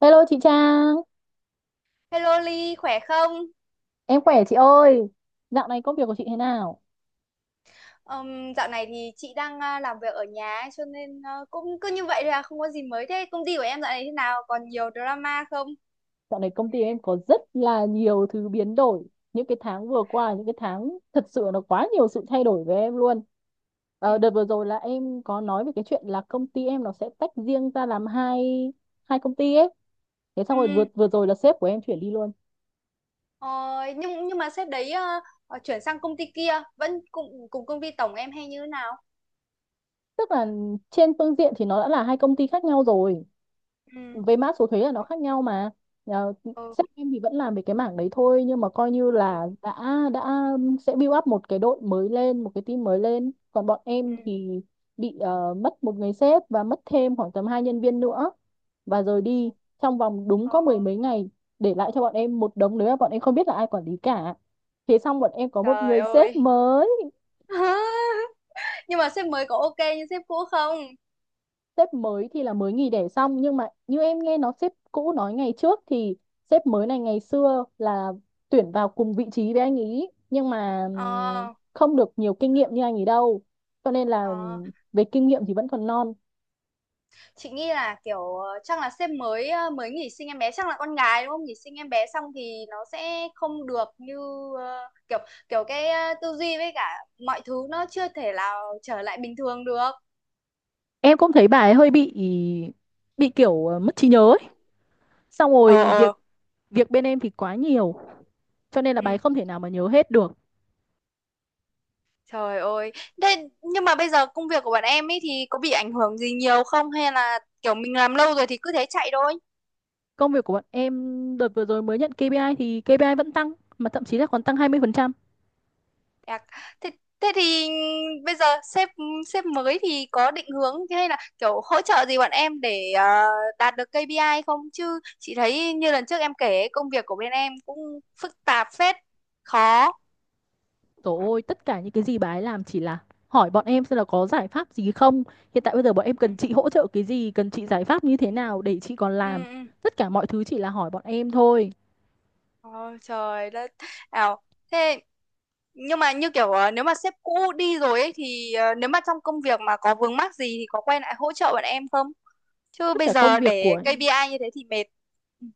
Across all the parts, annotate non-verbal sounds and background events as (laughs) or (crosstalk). Hello chị Trang, Hello Ly, khỏe không? em khỏe chị ơi. Dạo này công việc của chị thế nào? Dạo này thì chị đang làm việc ở nhà ấy, cho nên cũng cứ như vậy thôi không có gì mới. Thế công ty của em dạo này thế nào? Còn nhiều drama không? Dạo này công ty em có rất là nhiều thứ biến đổi. Những cái tháng vừa qua, những cái tháng thật sự nó quá nhiều sự thay đổi với em luôn. Ừ. Đợt vừa rồi là em có nói về cái chuyện là công ty em nó sẽ tách riêng ra làm hai hai công ty ấy. Thế xong rồi vừa Ừm, vừa rồi là sếp của em chuyển đi luôn. ờ, nhưng mà sếp đấy chuyển sang công ty kia vẫn cùng cùng công ty tổng em hay như thế nào? Tức là trên phương diện thì nó đã là hai công ty khác nhau rồi, Ừ. với mã số thuế là nó khác nhau mà. Ờ, Ừ. Sếp em thì vẫn làm về cái mảng đấy thôi nhưng mà coi như Ừ. là đã sẽ build up một cái đội mới lên, một cái team mới lên, còn bọn Ừ. em thì bị mất một người sếp và mất thêm khoảng tầm hai nhân viên nữa và rồi đi trong vòng đúng có mười Ờ, mấy ngày, để lại cho bọn em một đống đấy mà bọn em không biết là ai quản lý cả. Thế xong bọn em có một trời người sếp ơi. mới. (laughs) Nhưng mà sếp mới có ok như sếp cũ không? Sếp mới thì là mới nghỉ đẻ xong nhưng mà như em nghe nó sếp cũ nói ngày trước thì sếp mới này ngày xưa là tuyển vào cùng vị trí với anh ý nhưng mà Ờ. không được nhiều kinh nghiệm như anh ý đâu, cho nên là Ờ. Về kinh nghiệm thì vẫn còn non. Chị nghĩ là kiểu chắc là sếp mới mới nghỉ sinh em bé, chắc là con gái đúng không? Nghỉ sinh em bé xong thì nó sẽ không được như ờ, kiểu kiểu cái tư duy với cả mọi thứ nó chưa thể nào trở lại bình thường được. Em cũng thấy bà ấy hơi bị kiểu mất trí nhớ ấy. Xong Ờ, rồi việc ờ, việc bên em thì quá nhiều cho nên là bà ừ. ấy không thể nào mà nhớ hết được. Trời ơi. Thế nhưng mà bây giờ công việc của bạn em ấy thì có bị ảnh hưởng gì nhiều không, hay là kiểu mình làm lâu rồi thì cứ thế chạy thôi? Công việc của bọn em đợt vừa rồi mới nhận KPI thì KPI vẫn tăng, mà thậm chí là còn tăng 20%. À, thế, thế thì bây giờ sếp sếp mới thì có định hướng hay là kiểu hỗ trợ gì bọn em để đạt được KPI không? Chứ chị thấy như lần trước em kể ấy, công việc của bên em cũng phức tạp phết, khó. Trời ơi, tất cả những cái gì bà ấy làm chỉ là hỏi bọn em xem là có giải pháp gì không. Hiện tại bây giờ bọn em Ừ. cần chị hỗ trợ cái gì, cần chị giải pháp như thế Ừ. nào để chị còn Ừ, làm. ừ. Tất cả mọi thứ chỉ là hỏi bọn em thôi. Ôi trời đất. Ảo. Thế nhưng mà như kiểu nếu mà sếp cũ đi rồi ấy thì nếu mà trong công việc mà có vướng mắc gì thì có quay lại hỗ trợ bọn em không? Chứ Tất bây cả công giờ việc để của KPI như thế thì mệt. Ừ.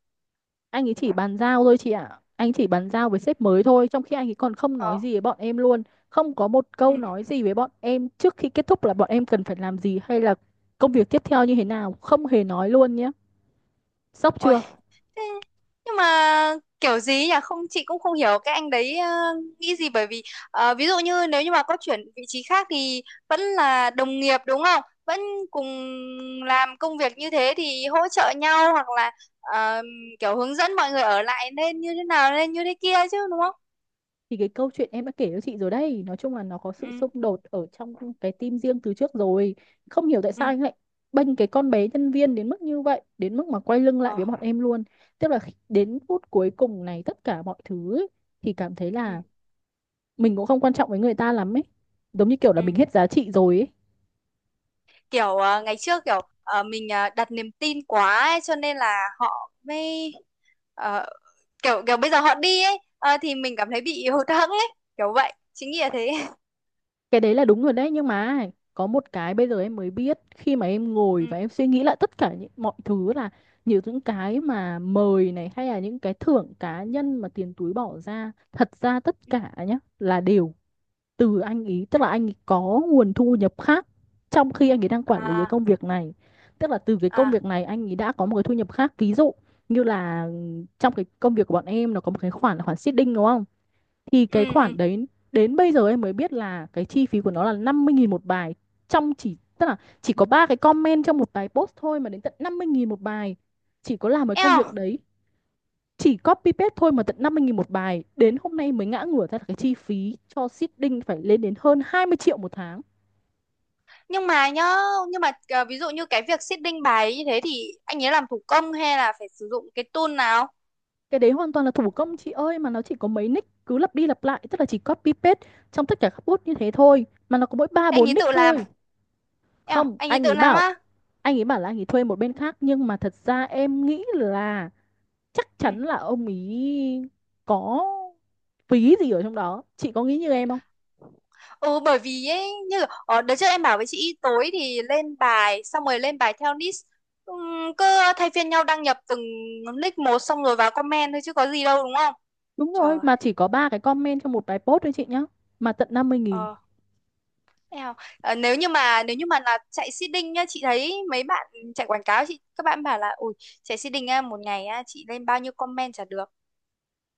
anh ấy chỉ bàn giao thôi chị ạ. Anh chỉ bàn giao với sếp mới thôi, trong khi anh ấy còn không nói Ờ. gì với bọn em luôn. Không có một câu Ừ. nói gì với bọn em trước khi kết thúc là bọn em cần phải làm gì hay là công việc tiếp theo như thế nào. Không hề nói luôn nhé. Sốc Ôi, chưa? thế nhưng mà kiểu gì nhỉ không chị cũng không hiểu cái anh đấy nghĩ gì, bởi vì ví dụ như nếu như mà có chuyển vị trí khác thì vẫn là đồng nghiệp đúng không, vẫn cùng làm công việc như thế thì hỗ trợ nhau hoặc là ờ, kiểu hướng dẫn mọi người ở lại nên như thế nào, nên như thế kia chứ, đúng không? Thì cái câu chuyện em đã kể cho chị rồi đây, nói chung là nó có sự Ừ, xung đột ở trong cái team riêng từ trước rồi. Không hiểu tại sao ừ, anh lại bênh cái con bé nhân viên đến mức như vậy, đến mức mà quay lưng lại ờ, với bọn em luôn. Tức là khi- đến phút cuối cùng này, tất cả mọi thứ ấy, thì cảm thấy ừ, là mình cũng không quan trọng với người ta lắm ấy, giống như kiểu là mình ừ, hết giá trị rồi ấy. kiểu ngày trước kiểu mình đặt niềm tin quá ấy, cho nên là họ mới ờ, kiểu kiểu bây giờ họ đi ấy thì mình cảm thấy bị hụt hẫng ấy, kiểu vậy chính nghĩa thế. (laughs) Cái đấy là đúng rồi đấy, nhưng mà có một cái bây giờ em mới biết khi mà em ngồi Ừ, và em suy nghĩ lại tất cả những mọi thứ là nhiều những ừ, cái mà mời này hay là những cái thưởng cá nhân mà tiền túi bỏ ra, thật ra tất ừ. cả nhá là đều từ anh ý. Tức là anh ý có nguồn thu nhập khác trong khi anh ấy đang quản lý cái À, công việc này. Tức là từ cái công à, việc này anh ấy đã có một cái thu nhập khác, ví dụ như là trong cái công việc của bọn em nó có một cái khoản là khoản seeding đúng không. Thì cái ừ, khoản ừ. đấy, đến bây giờ em mới biết là cái chi phí của nó là 50.000 một bài. Trong chỉ Tức là chỉ có ba cái comment trong một bài post thôi mà đến tận 50.000 một bài. Chỉ có làm cái công việc Eo, đấy, chỉ copy paste thôi mà tận 50.000 một bài. Đến hôm nay mới ngã ngửa ra là cái chi phí cho seeding phải lên đến hơn 20 triệu một tháng. nhưng mà nhá nhưng mà ví dụ như cái việc seeding bài như thế thì anh ấy làm thủ công hay là phải sử dụng cái tool nào? Cái đấy hoàn toàn là thủ công chị ơi, mà nó chỉ có mấy nick cứ lặp đi lặp lại, tức là chỉ copy paste trong tất cả các post như thế thôi, mà nó có mỗi ba Thế anh bốn ấy tự nick làm? thôi. Eo, Không, anh ấy anh tự ấy làm bảo á. anh ấy bảo là anh ấy thuê một bên khác, nhưng mà thật ra em nghĩ là chắc Ừ. chắn là ông ý có phí gì ở trong đó. Chị có nghĩ như em không? Ừ, bởi vì ấy như ở đợt trước em bảo với chị tối thì lên bài xong rồi lên bài theo list. Cứ thay phiên nhau đăng nhập từng nick một xong rồi vào comment thôi chứ có gì đâu đúng không? Đúng Trời. rồi, mà chỉ có ba cái comment cho một bài post thôi chị nhá, mà tận năm mươi nghìn. Ờ, nào, nếu như mà là chạy seeding nhá, chị thấy mấy bạn chạy quảng cáo, chị các bạn bảo là ui chạy seeding á, một ngày á, chị lên bao nhiêu comment chả được,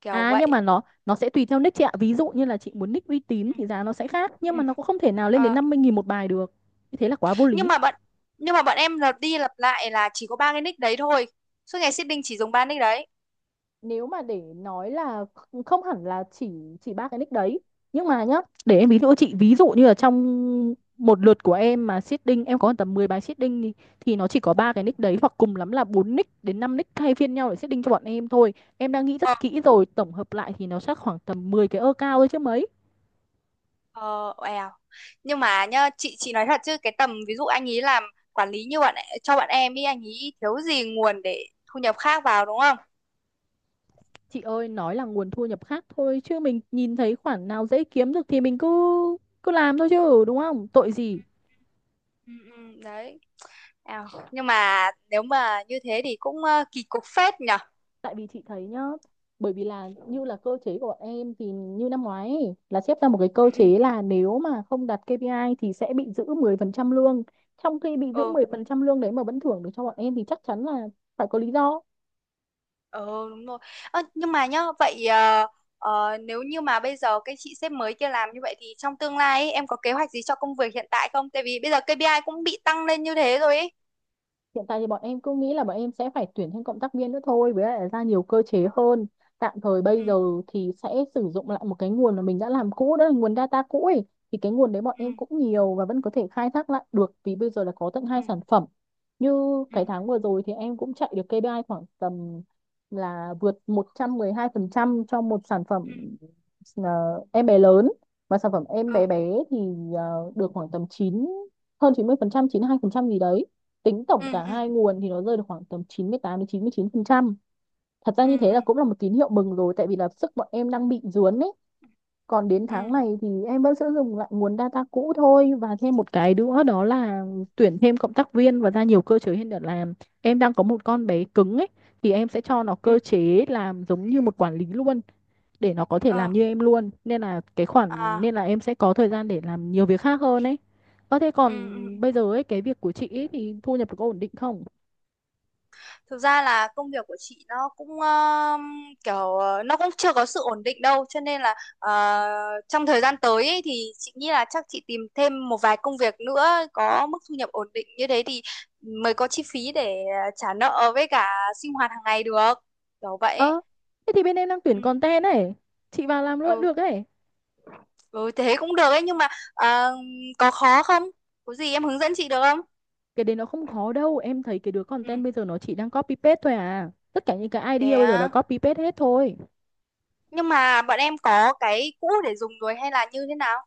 kiểu À, nhưng vậy. mà nó sẽ tùy theo nick chị ạ, ví dụ như là chị muốn nick uy tín Ừ. thì giá nó sẽ khác, nhưng Ừ. mà nó cũng không thể nào lên đến Ờ, 50.000 một bài được. Như thế là quá vô nhưng lý. mà bọn nhưng mà bọn em lặp đi lặp lại là chỉ có ba cái nick đấy thôi, suốt ngày seeding chỉ dùng ba nick đấy. Nếu mà để nói là không hẳn là chỉ ba cái nick đấy, nhưng mà nhá, để em ví dụ cho chị. Ví dụ như là trong một lượt của em mà seeding em có tầm 10 bài seeding thì nó chỉ có ba cái nick đấy hoặc cùng lắm là bốn nick đến 5 nick thay phiên nhau để seeding cho bọn em thôi. Em đang nghĩ Ờ, rất kỹ rồi tổng hợp lại thì nó chắc khoảng tầm 10 cái ơ cao thôi chứ mấy. ờ, eo. Nhưng mà nhá chị nói thật chứ cái tầm ví dụ anh ý làm quản lý như cho bạn em ý anh ý thiếu gì nguồn để thu nhập khác vào đúng không? Chị ơi, nói là nguồn thu nhập khác thôi chứ mình nhìn thấy khoản nào dễ kiếm được thì mình cứ cứ làm thôi chứ, đúng không, tội gì. Ừ, ừ, đấy. À, nhưng mà nếu mà như thế thì cũng kỳ cục phết nhở. Tại vì chị thấy nhá, bởi vì là như là cơ chế của bọn em thì như năm ngoái ấy, là xếp ra một cái cơ Ừ, chế là nếu mà không đạt KPI thì sẽ bị giữ 10% lương. Trong khi bị giữ ừ. 10% lương đấy mà vẫn thưởng được cho bọn em thì chắc chắn là phải có lý do. Ừ, ừ đúng rồi. Ơ, nhưng mà nhá vậy nếu như mà bây giờ cái chị sếp mới kia làm như vậy thì trong tương lai ấy, em có kế hoạch gì cho công việc hiện tại không? Tại vì bây giờ KPI cũng bị tăng lên như thế rồi ấy. Hiện tại thì bọn em cứ nghĩ là bọn em sẽ phải tuyển thêm cộng tác viên nữa thôi, với lại là ra nhiều cơ chế hơn. Tạm thời bây giờ Ừ, thì sẽ sử dụng lại một cái nguồn mà mình đã làm cũ, đó là nguồn data cũ ấy. Thì cái nguồn đấy bọn em ừ, cũng nhiều và vẫn có thể khai thác lại được, vì bây giờ là có tận ừ, hai sản phẩm. Như ừ, cái tháng vừa rồi thì em cũng chạy được KPI khoảng tầm là vượt 112% cho một sản phẩm, ừ, ờ, em bé lớn, và sản phẩm em bé bé thì được khoảng tầm 9, hơn 90%, 92% gì đấy. Tính ừ, tổng ừ, cả ừ, hai nguồn thì nó rơi được khoảng tầm 98 đến chín chín mươi chín phần trăm. Thật ra ừ, như ừ, thế là ừ, cũng là một tín hiệu mừng rồi, tại vì là sức bọn em đang bị dướn ấy. Còn đến tháng ừ, này thì em vẫn sẽ dùng lại nguồn data cũ thôi và thêm một cái nữa đó là tuyển thêm cộng tác viên và ra nhiều cơ chế hơn để làm. Em đang có một con bé cứng ấy thì em sẽ cho nó ừ, cơ chế làm giống như một quản lý luôn, để nó có thể ờ, làm như em luôn. Nên là cái khoản, à, nên là em sẽ có thời gian để làm nhiều việc khác hơn ấy. Có thế ừ, còn ừ, ừ. bây giờ ấy cái việc của chị ấy thì thu nhập được có ổn định không? Thực ra là công việc của chị nó cũng kiểu nó cũng chưa có sự ổn định đâu, cho nên là trong thời gian tới ấy, thì chị nghĩ là chắc chị tìm thêm một vài công việc nữa có mức thu nhập ổn định như thế thì mới có chi phí để trả nợ với cả sinh hoạt hàng ngày được. Kiểu vậy ấy. Ơ, thế thì bên em đang tuyển Ừ. content ấy. Chị vào làm luôn Ừ. được ấy. Ừ thế cũng được ấy, nhưng mà ờ, có khó không? Có gì em hướng dẫn chị được không? Cái đấy nó không khó đâu. Em thấy cái đứa Ừ. content bây giờ nó chỉ đang copy paste thôi à. Tất cả những cái Thế idea bây giờ là à. copy paste hết thôi. Nhưng mà bọn em có cái cũ để dùng rồi hay là như thế nào?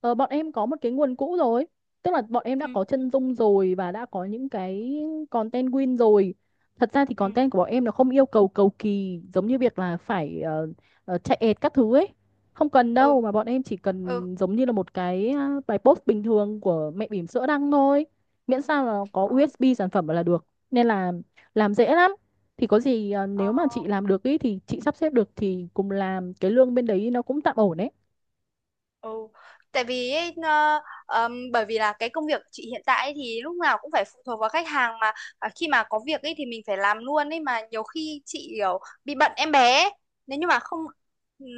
Ờ, Bọn em có một cái nguồn cũ rồi. Tức là bọn em đã Ừ. có chân dung rồi và đã có những cái content win rồi. Thật ra thì Ừ. content của bọn em nó không yêu cầu cầu kỳ giống như việc là phải chạy ad các thứ ấy. Không cần Ừ. đâu, mà bọn em chỉ Ừ, cần giống như là một cái bài post bình thường của mẹ bỉm sữa đăng thôi. Miễn sao là có ờ, USB sản phẩm là được. Nên là làm dễ lắm. Thì có gì ờ, nếu mà chị làm được ý, thì chị sắp xếp được thì cùng làm, cái lương bên đấy nó cũng tạm ổn đấy. ừ, tại vì ấy, bởi vì là cái công việc của chị hiện tại ấy thì lúc nào cũng phải phụ thuộc vào khách hàng mà khi mà có việc ấy thì mình phải làm luôn ấy, mà nhiều khi chị kiểu bị bận em bé ấy. Nếu như mà không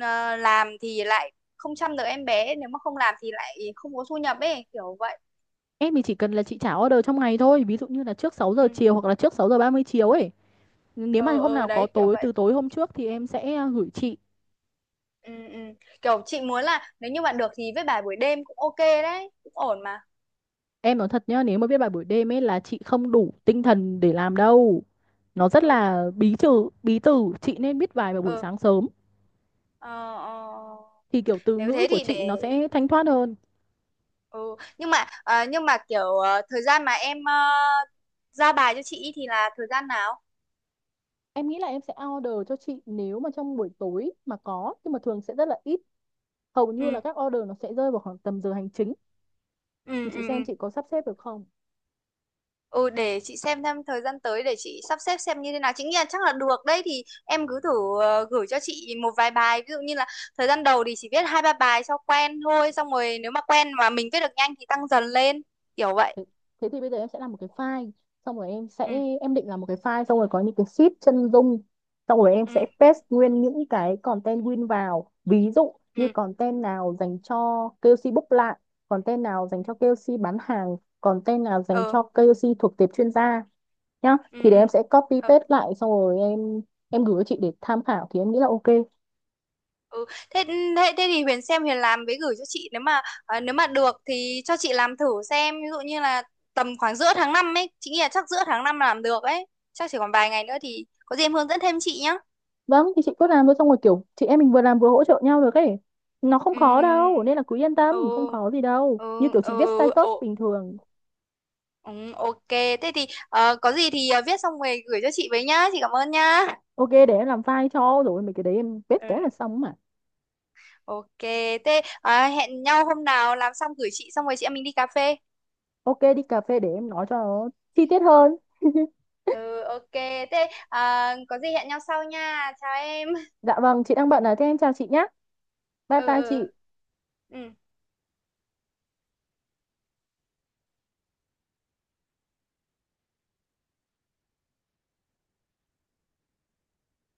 làm thì lại không chăm được em bé, nếu mà không làm thì lại không có thu nhập ấy, kiểu vậy. Em thì chỉ cần là chị trả order trong ngày thôi, ví dụ như là trước sáu giờ Ừ. chiều hoặc là trước 6:30 chiều ấy. Nếu mà Ừ, hôm ừ nào có đấy kiểu tối từ vậy. tối hôm trước thì em sẽ gửi chị. Ừ, ừ. Kiểu chị muốn là nếu như bạn được thì với bài buổi đêm cũng ok đấy cũng ổn mà. Em nói thật nhá, nếu mà viết bài buổi đêm ấy là chị không đủ tinh thần để làm đâu. Nó rất Ừ, là bí từ, chị nên viết bài vào buổi ừ, sáng sớm ờ, ờ. thì kiểu từ Nếu ngữ thế của thì chị để... nó sẽ thanh thoát hơn. Ừ. Nhưng mà kiểu thời gian mà em ra bài cho chị thì là thời gian nào? Em nghĩ là em sẽ order cho chị nếu mà trong buổi tối mà có, nhưng mà thường sẽ rất là ít. Hầu như Ừ, là các order nó sẽ rơi vào khoảng tầm giờ hành chính, ừ, thì ừ, chị xem ừ. chị có sắp xếp được không? Ừ, để chị xem thời gian tới để chị sắp xếp xem như thế nào. Chị nghĩ là chắc là được đấy, thì em cứ thử gửi cho chị một vài bài. Ví dụ như là thời gian đầu thì chỉ viết hai ba bài cho quen thôi. Xong rồi nếu mà quen mà mình viết được nhanh thì tăng dần lên, kiểu vậy. Thế thì bây giờ em sẽ làm một cái file xong rồi em sẽ Ừ, em định làm một cái file xong rồi có những cái sheet chân dung, xong rồi em ừ, sẽ paste nguyên những cái content win vào, ví dụ như ừ. content nào dành cho KOC book lại, content nào dành cho KOC bán hàng, content nào dành Ừ. cho KOC thuộc tệp chuyên gia nhá, Ừ, thì để ừ. em sẽ copy paste lại xong rồi em gửi cho chị để tham khảo thì em nghĩ là ok. Ừ. Thế, thế thế thì Huyền xem Huyền làm với gửi cho chị, nếu mà được thì cho chị làm thử xem, ví dụ như là tầm khoảng giữa tháng 5 ấy, chị nghĩ là chắc giữa tháng 5 làm được ấy, chắc chỉ còn vài ngày nữa thì có gì em hướng dẫn thêm chị nhá. Vâng thì chị cứ làm thôi xong rồi kiểu chị em mình vừa làm vừa hỗ trợ nhau được ấy. Nó không Ừ, khó đâu nên là cứ yên tâm, không ừ, khó gì đâu. Như ừ, kiểu chị ừ, viết ừ, ừ, status bình thường. ừ, ok thế thì có gì thì viết xong rồi gửi cho chị với nhá, chị cảm ơn nhá. Ok để em làm file cho rồi mấy cái đấy em viết Ừ. cái là xong mà. Ok thế hẹn nhau hôm nào làm xong gửi chị xong rồi chị em mình đi cà phê. Ok đi cà phê để em nói cho nó chi tiết hơn. (laughs) Ừ ok thế có gì hẹn nhau sau nha, chào em. Dạ vâng, chị đang bận à thế em chào chị nhé. Bye Ừ, bye ừ, chị. ừ.